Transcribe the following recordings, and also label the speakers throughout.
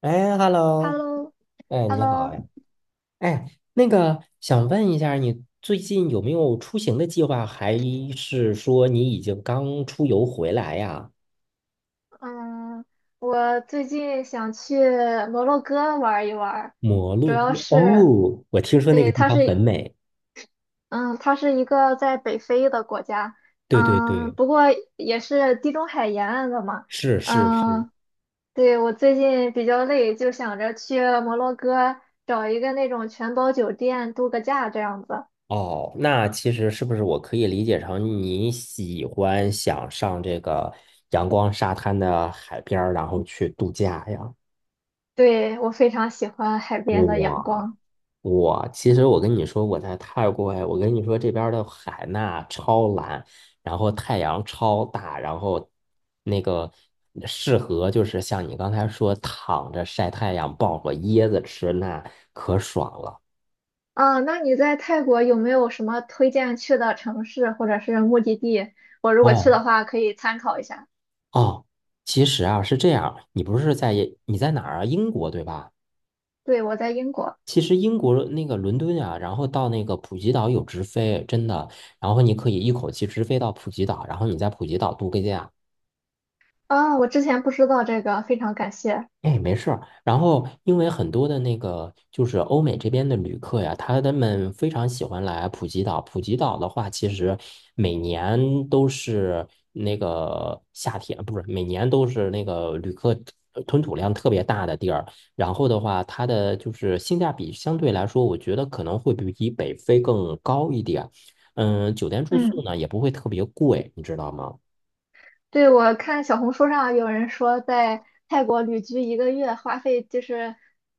Speaker 1: 哎，Hello，
Speaker 2: Hello，Hello，
Speaker 1: 哎，你好呀，哎，那个想问一下，你最近有没有出行的计划，还是说你已经刚出游回来呀？
Speaker 2: 嗯，我最近想去摩洛哥玩一玩。
Speaker 1: 摩
Speaker 2: 主
Speaker 1: 洛
Speaker 2: 要
Speaker 1: 哥，
Speaker 2: 是，
Speaker 1: 哦，我听说那个
Speaker 2: 对，
Speaker 1: 地
Speaker 2: 它
Speaker 1: 方很
Speaker 2: 是，
Speaker 1: 美。
Speaker 2: 嗯，它是一个在北非的国家。
Speaker 1: 对对
Speaker 2: 嗯，
Speaker 1: 对，
Speaker 2: 不过也是地中海沿岸的嘛。
Speaker 1: 是是是。
Speaker 2: 嗯，对，我最近比较累，就想着去摩洛哥找一个那种全包酒店度个假这样子。
Speaker 1: 哦，那其实是不是我可以理解成你喜欢想上这个阳光沙滩的海边儿，然后去度假呀？
Speaker 2: 对，我非常喜欢海边的阳
Speaker 1: 哇，
Speaker 2: 光。
Speaker 1: 其实我跟你说，我在泰国。哎，我跟你说这边儿的海纳超蓝，然后太阳超大，然后那个适合就是像你刚才说躺着晒太阳，抱个椰子吃，那可爽了。
Speaker 2: 啊，那你在泰国有没有什么推荐去的城市或者是目的地？我如果去
Speaker 1: 哦。
Speaker 2: 的话，可以参考一下。
Speaker 1: 哦，其实啊是这样，你不是在你在哪儿啊？英国对吧？
Speaker 2: 对，我在英国。
Speaker 1: 其实英国那个伦敦啊，然后到那个普吉岛有直飞，真的。然后你可以一口气直飞到普吉岛，然后你在普吉岛度个假。
Speaker 2: 啊，我之前不知道这个，非常感谢。
Speaker 1: 哎，没事儿。然后，因为很多的那个就是欧美这边的旅客呀，他们非常喜欢来普吉岛。普吉岛的话，其实每年都是那个夏天，不是每年都是那个旅客吞吐量特别大的地儿。然后的话，它的就是性价比相对来说，我觉得可能会比北非更高一点。嗯，酒店住宿
Speaker 2: 嗯，
Speaker 1: 呢也不会特别贵，你知道吗？
Speaker 2: 对，我看小红书上有人说，在泰国旅居一个月花费就是，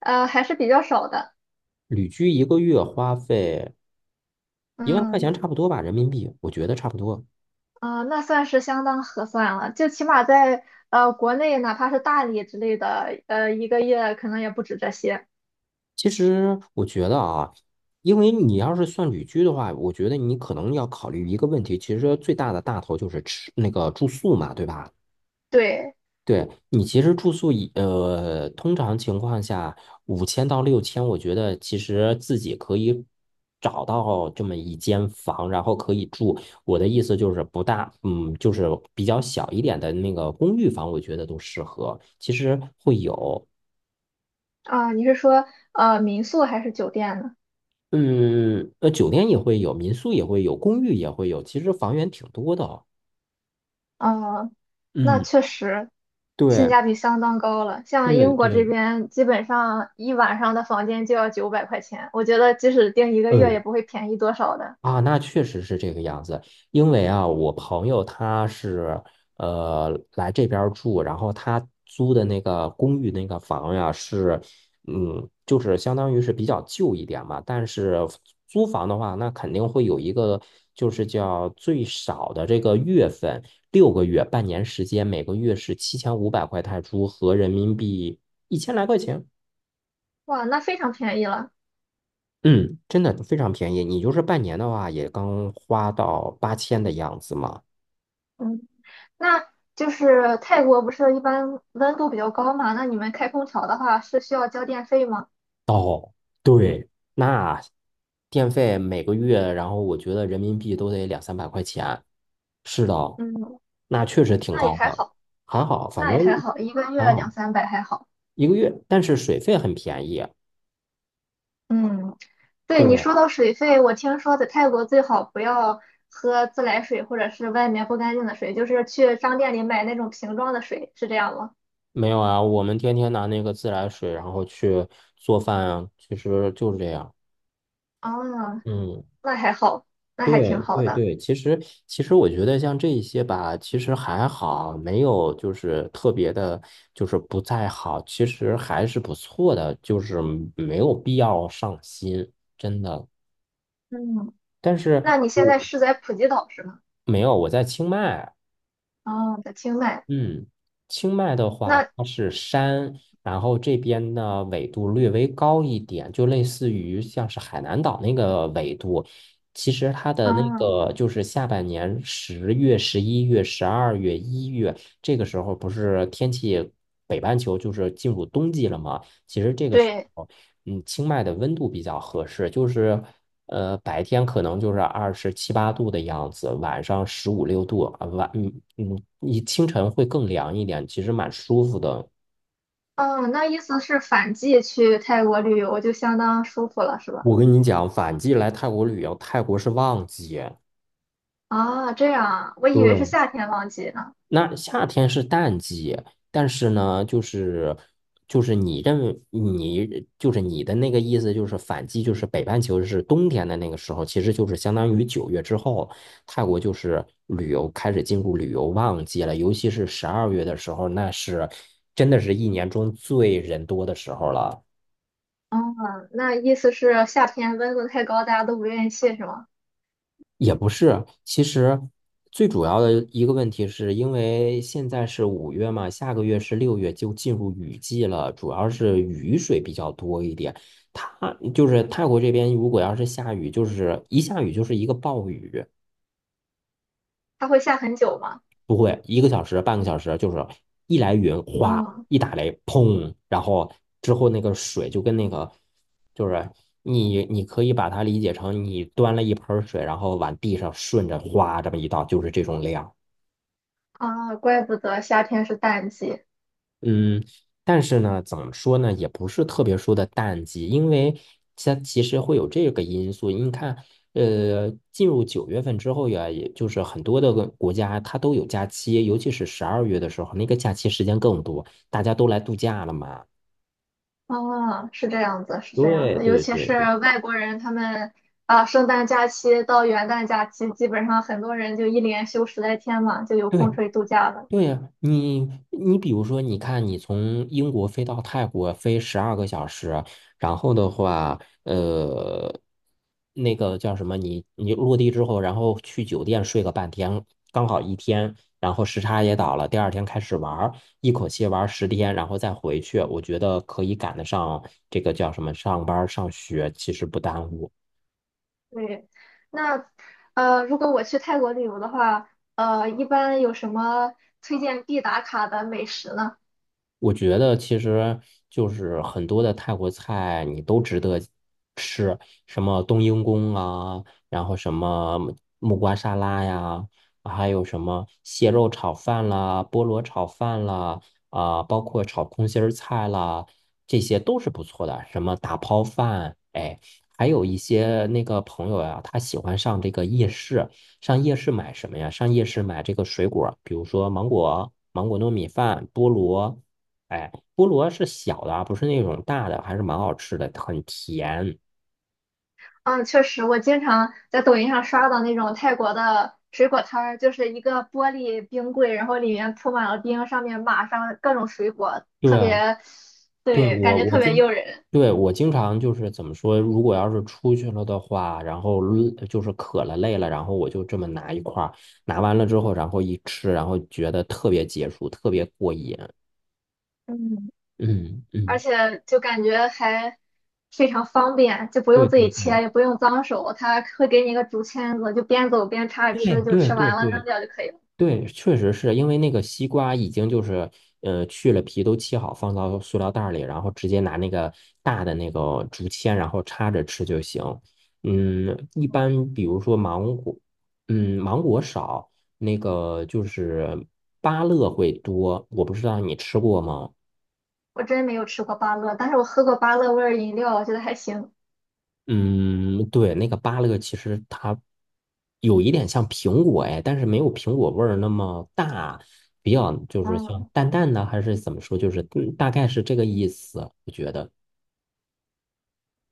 Speaker 2: 还是比较少的。
Speaker 1: 旅居一个月花费。一万块
Speaker 2: 嗯。
Speaker 1: 钱差不多吧，人民币，我觉得差不多。
Speaker 2: 啊，那算是相当合算了。就起码在国内，哪怕是大理之类的，一个月可能也不止这些。
Speaker 1: 其实我觉得啊，因为你要是算旅居的话，我觉得你可能要考虑一个问题，其实最大的大头就是吃那个住宿嘛，对吧？
Speaker 2: 对。
Speaker 1: 对，你其实住宿以，呃，通常情况下五千到六千，我觉得其实自己可以找到这么一间房，然后可以住。我的意思就是不大，就是比较小一点的那个公寓房，我觉得都适合。其实会有。
Speaker 2: 啊，你是说民宿还是酒店呢？
Speaker 1: 嗯，酒店也会有，民宿也会有，公寓也会有，其实房源挺多的。
Speaker 2: 啊，那
Speaker 1: 嗯，
Speaker 2: 确实性
Speaker 1: 对
Speaker 2: 价比相当高了。像
Speaker 1: 对
Speaker 2: 英国这
Speaker 1: 对，
Speaker 2: 边，基本上一晚上的房间就要900块钱，我觉得即使订一个月也
Speaker 1: 嗯，
Speaker 2: 不会便宜多少的。
Speaker 1: 啊，那确实是这个样子。因为啊，我朋友他是来这边儿住，然后他租的那个公寓那个房呀是，就是相当于是比较旧一点嘛。但是租房的话，那肯定会有一个就是叫最少的这个月份，6个月、半年时间，每个月是7500块泰铢，合人民币一千来块钱。
Speaker 2: 哇，那非常便宜了。
Speaker 1: 嗯，真的非常便宜。你就是半年的话，也刚花到8000的样子嘛。
Speaker 2: 嗯，那就是泰国不是一般温度比较高嘛？那你们开空调的话是需要交电费吗？
Speaker 1: 哦，对，那电费每个月，然后我觉得人民币都得两三百块钱。是的，
Speaker 2: 嗯，
Speaker 1: 那确实挺
Speaker 2: 那也
Speaker 1: 高
Speaker 2: 还
Speaker 1: 的，
Speaker 2: 好，
Speaker 1: 还好，反
Speaker 2: 那
Speaker 1: 正
Speaker 2: 也还好，一个
Speaker 1: 还
Speaker 2: 月两
Speaker 1: 好
Speaker 2: 三百还好。
Speaker 1: 一个月，但是水费很便宜。
Speaker 2: 嗯。对你
Speaker 1: 对，
Speaker 2: 说到水费，我听说在泰国最好不要喝自来水或者是外面不干净的水，就是去商店里买那种瓶装的水，是这样吗？
Speaker 1: 没有啊，我们天天拿那个自来水，然后去做饭啊，其实就是这样。
Speaker 2: 啊，
Speaker 1: 嗯。
Speaker 2: 那还好，那还挺
Speaker 1: 对
Speaker 2: 好
Speaker 1: 对
Speaker 2: 的。
Speaker 1: 对，其实我觉得像这一些吧，其实还好，没有就是特别的，就是不太好，其实还是不错的，就是没有必要上心，真的。
Speaker 2: 嗯，
Speaker 1: 但是
Speaker 2: 那你现在
Speaker 1: 我
Speaker 2: 是在普吉岛是吗？
Speaker 1: 没有，我在清迈。
Speaker 2: 哦，在清迈。
Speaker 1: 嗯，清迈的话，
Speaker 2: 那，
Speaker 1: 它是山，然后这边呢纬度略微高一点，就类似于像是海南岛那个纬度。其实它的那
Speaker 2: 嗯，
Speaker 1: 个就是下半年10月、11月、十二月、一月这个时候，不是天气北半球就是进入冬季了吗？其实这个时
Speaker 2: 对，
Speaker 1: 候。嗯，清迈的温度比较合适，就是白天可能就是二十七八度的样子，晚上十五六度啊，晚嗯嗯，你清晨会更凉一点，其实蛮舒服的。
Speaker 2: 嗯，那意思是反季去泰国旅游就相当舒服了，是吧？
Speaker 1: 我跟你讲，反季来泰国旅游，泰国是旺季。
Speaker 2: 啊，这样啊，我以为是
Speaker 1: 对，
Speaker 2: 夏天旺季呢。
Speaker 1: 那夏天是淡季，但是呢，就是你认为你就是你的那个意思，就是反季，就是北半球是冬天的那个时候，其实就是相当于九月之后，泰国就是旅游开始进入旅游旺季了，尤其是十二月的时候，那是真的是一年中最人多的时候了。
Speaker 2: 哦，那意思是夏天温度太高，大家都不愿意去，是吗？
Speaker 1: 也不是，其实最主要的一个问题是因为现在是5月嘛，下个月是6月，就进入雨季了，主要是雨水比较多一点。它就是泰国这边，如果要是下雨，就是一下雨就是一个暴雨，
Speaker 2: 它会下很久吗？
Speaker 1: 不会一个小时、半个小时，就是一来云哗，
Speaker 2: 哦
Speaker 1: 一打雷砰，然后之后那个水就跟那个就是你可以把它理解成你端了一盆儿水，然后往地上顺着哗这么一倒，就是这种量。
Speaker 2: 啊，怪不得夏天是淡季。
Speaker 1: 嗯，但是呢，怎么说呢，也不是特别说的淡季，因为它其实会有这个因素。你看，进入9月份之后呀，也就是很多的个国家它都有假期，尤其是十二月的时候，那个假期时间更多，大家都来度假了嘛。
Speaker 2: 哦，是这样子，是这样
Speaker 1: 对
Speaker 2: 子。尤
Speaker 1: 对
Speaker 2: 其
Speaker 1: 对对。
Speaker 2: 是外国人，他们啊，圣诞假期到元旦假期，基本上很多人就一连休10来天嘛，就有空
Speaker 1: 对，
Speaker 2: 出去度假了。
Speaker 1: 对呀，你比如说，你看你从英国飞到泰国飞12个小时，然后的话，呃，那个叫什么，你落地之后，然后去酒店睡个半天，刚好一天，然后时差也倒了，第二天开始玩儿，一口气玩10天，然后再回去，我觉得可以赶得上这个叫什么上班儿上学，其实不耽误。
Speaker 2: 对，那如果我去泰国旅游的话，一般有什么推荐必打卡的美食呢？
Speaker 1: 我觉得其实就是很多的泰国菜你都值得吃，什么冬阴功啊，然后什么木瓜沙拉呀，还有什么蟹肉炒饭啦、菠萝炒饭啦，啊、包括炒空心儿菜啦，这些都是不错的。什么打抛饭，哎，还有一些那个朋友呀、他喜欢上这个夜市，上夜市买什么呀？上夜市买这个水果，比如说芒果、芒果糯米饭、菠萝，哎，菠萝是小的啊，不是那种大的，还是蛮好吃的，很甜。
Speaker 2: 嗯，确实，我经常在抖音上刷到那种泰国的水果摊儿，就是一个玻璃冰柜，然后里面铺满了冰，上面码上各种水果，
Speaker 1: 对
Speaker 2: 特
Speaker 1: 啊，
Speaker 2: 别，
Speaker 1: 对，
Speaker 2: 对，感
Speaker 1: 我
Speaker 2: 觉
Speaker 1: 我
Speaker 2: 特别
Speaker 1: 经，
Speaker 2: 诱人。
Speaker 1: 对，我经常就是怎么说，如果要是出去了的话，然后累就是渴了累了，然后我就这么拿一块儿，拿完了之后，然后一吃，然后觉得特别解暑，特别过瘾。
Speaker 2: 嗯，
Speaker 1: 嗯
Speaker 2: 而
Speaker 1: 嗯，
Speaker 2: 且就感觉还非常方便，就不
Speaker 1: 对
Speaker 2: 用自
Speaker 1: 对
Speaker 2: 己切，
Speaker 1: 对
Speaker 2: 也不用脏手，他会给你一个竹签子，就边走边插着
Speaker 1: 对
Speaker 2: 吃，就
Speaker 1: 对
Speaker 2: 吃
Speaker 1: 对
Speaker 2: 完了扔
Speaker 1: 对，
Speaker 2: 掉就可以了。
Speaker 1: 对，确实是因为那个西瓜已经就是，去了皮都切好，放到塑料袋儿里，然后直接拿那个大的那个竹签，然后插着吃就行。嗯，一般比如说芒果，嗯，芒果少，那个就是芭乐会多，我不知道你吃过吗？
Speaker 2: 我真没有吃过芭乐，但是我喝过芭乐味儿饮料，我觉得还行。
Speaker 1: 嗯，对，那个芭乐其实它有一点像苹果哎，但是没有苹果味儿那么大，比较就是像
Speaker 2: 嗯。
Speaker 1: 淡淡的，还是怎么说，就是大概是这个意思，我觉得。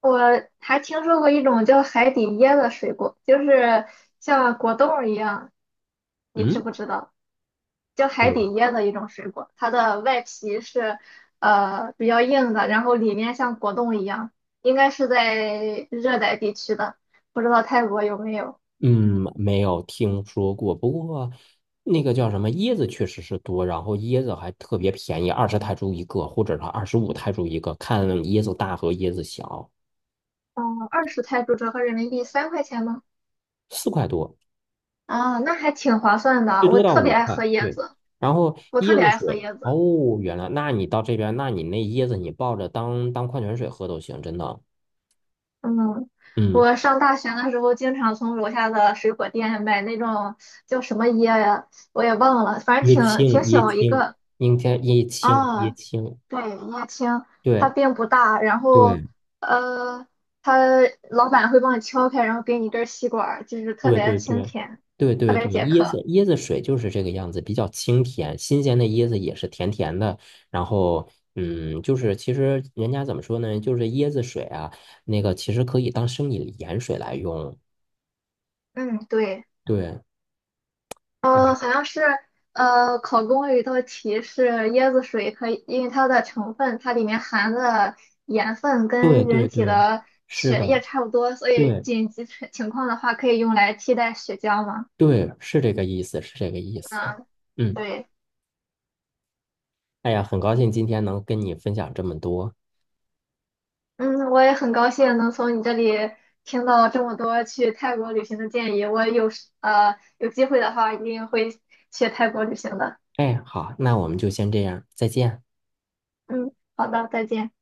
Speaker 2: 我还听说过一种叫海底椰的水果，就是像果冻儿一样，你知
Speaker 1: 嗯，
Speaker 2: 不知道？叫海
Speaker 1: 对。
Speaker 2: 底椰的一种水果，它的外皮是比较硬的，然后里面像果冻一样，应该是在热带地区的，不知道泰国有没有？
Speaker 1: 嗯，没有听说过，不过那个叫什么椰子确实是多，然后椰子还特别便宜，20泰铢一个，或者是25泰铢一个，看椰子大和椰子小，
Speaker 2: 嗯，20泰铢折合人民币3块钱吗？
Speaker 1: 四块多。
Speaker 2: 啊，那还挺划算
Speaker 1: 最
Speaker 2: 的。我
Speaker 1: 多到
Speaker 2: 特别
Speaker 1: 五
Speaker 2: 爱
Speaker 1: 块，
Speaker 2: 喝椰
Speaker 1: 对。
Speaker 2: 子，
Speaker 1: 然后
Speaker 2: 我特
Speaker 1: 椰
Speaker 2: 别
Speaker 1: 子
Speaker 2: 爱喝
Speaker 1: 水，
Speaker 2: 椰子。
Speaker 1: 哦，原来，那你到这边，那你那椰子你抱着当矿泉水喝都行，真的。
Speaker 2: 嗯，
Speaker 1: 嗯，
Speaker 2: 我上大学的时候，经常从楼下的水果店买那种叫什么椰呀，我也忘了，反正
Speaker 1: 椰
Speaker 2: 挺
Speaker 1: 青，椰
Speaker 2: 小一
Speaker 1: 青，
Speaker 2: 个。
Speaker 1: 应该椰青，
Speaker 2: 啊，
Speaker 1: 椰青，
Speaker 2: 对，椰青，它
Speaker 1: 对
Speaker 2: 并不大，然后
Speaker 1: 对
Speaker 2: 呃，它老板会帮你敲开，然后给你一根吸管儿就是特
Speaker 1: 对
Speaker 2: 别
Speaker 1: 对
Speaker 2: 清
Speaker 1: 对
Speaker 2: 甜，
Speaker 1: 对
Speaker 2: 特
Speaker 1: 对
Speaker 2: 别
Speaker 1: 对，
Speaker 2: 解
Speaker 1: 椰子
Speaker 2: 渴。
Speaker 1: 椰子水就是这个样子，比较清甜，新鲜的椰子也是甜甜的。然后，嗯，就是其实人家怎么说呢，就是椰子水啊，那个其实可以当生理盐水来用，
Speaker 2: 嗯，对。
Speaker 1: 对。哎
Speaker 2: 好像是考公有一道题是椰子水可以，因为它的成分，它里面含的盐分
Speaker 1: 对
Speaker 2: 跟人
Speaker 1: 对
Speaker 2: 体
Speaker 1: 对，
Speaker 2: 的
Speaker 1: 是
Speaker 2: 血
Speaker 1: 的，
Speaker 2: 液差不多，所以
Speaker 1: 对
Speaker 2: 紧急情况的话可以用来替代血浆嘛。
Speaker 1: 对，是这个意思，是这个意思。
Speaker 2: 嗯，
Speaker 1: 嗯，
Speaker 2: 对。
Speaker 1: 哎呀，很高兴今天能跟你分享这么多。
Speaker 2: 嗯，我也很高兴能从你这里听到这么多去泰国旅行的建议，我有机会的话一定会去泰国旅行的。
Speaker 1: 哎，好，那我们就先这样，再见。
Speaker 2: 嗯，好的，再见。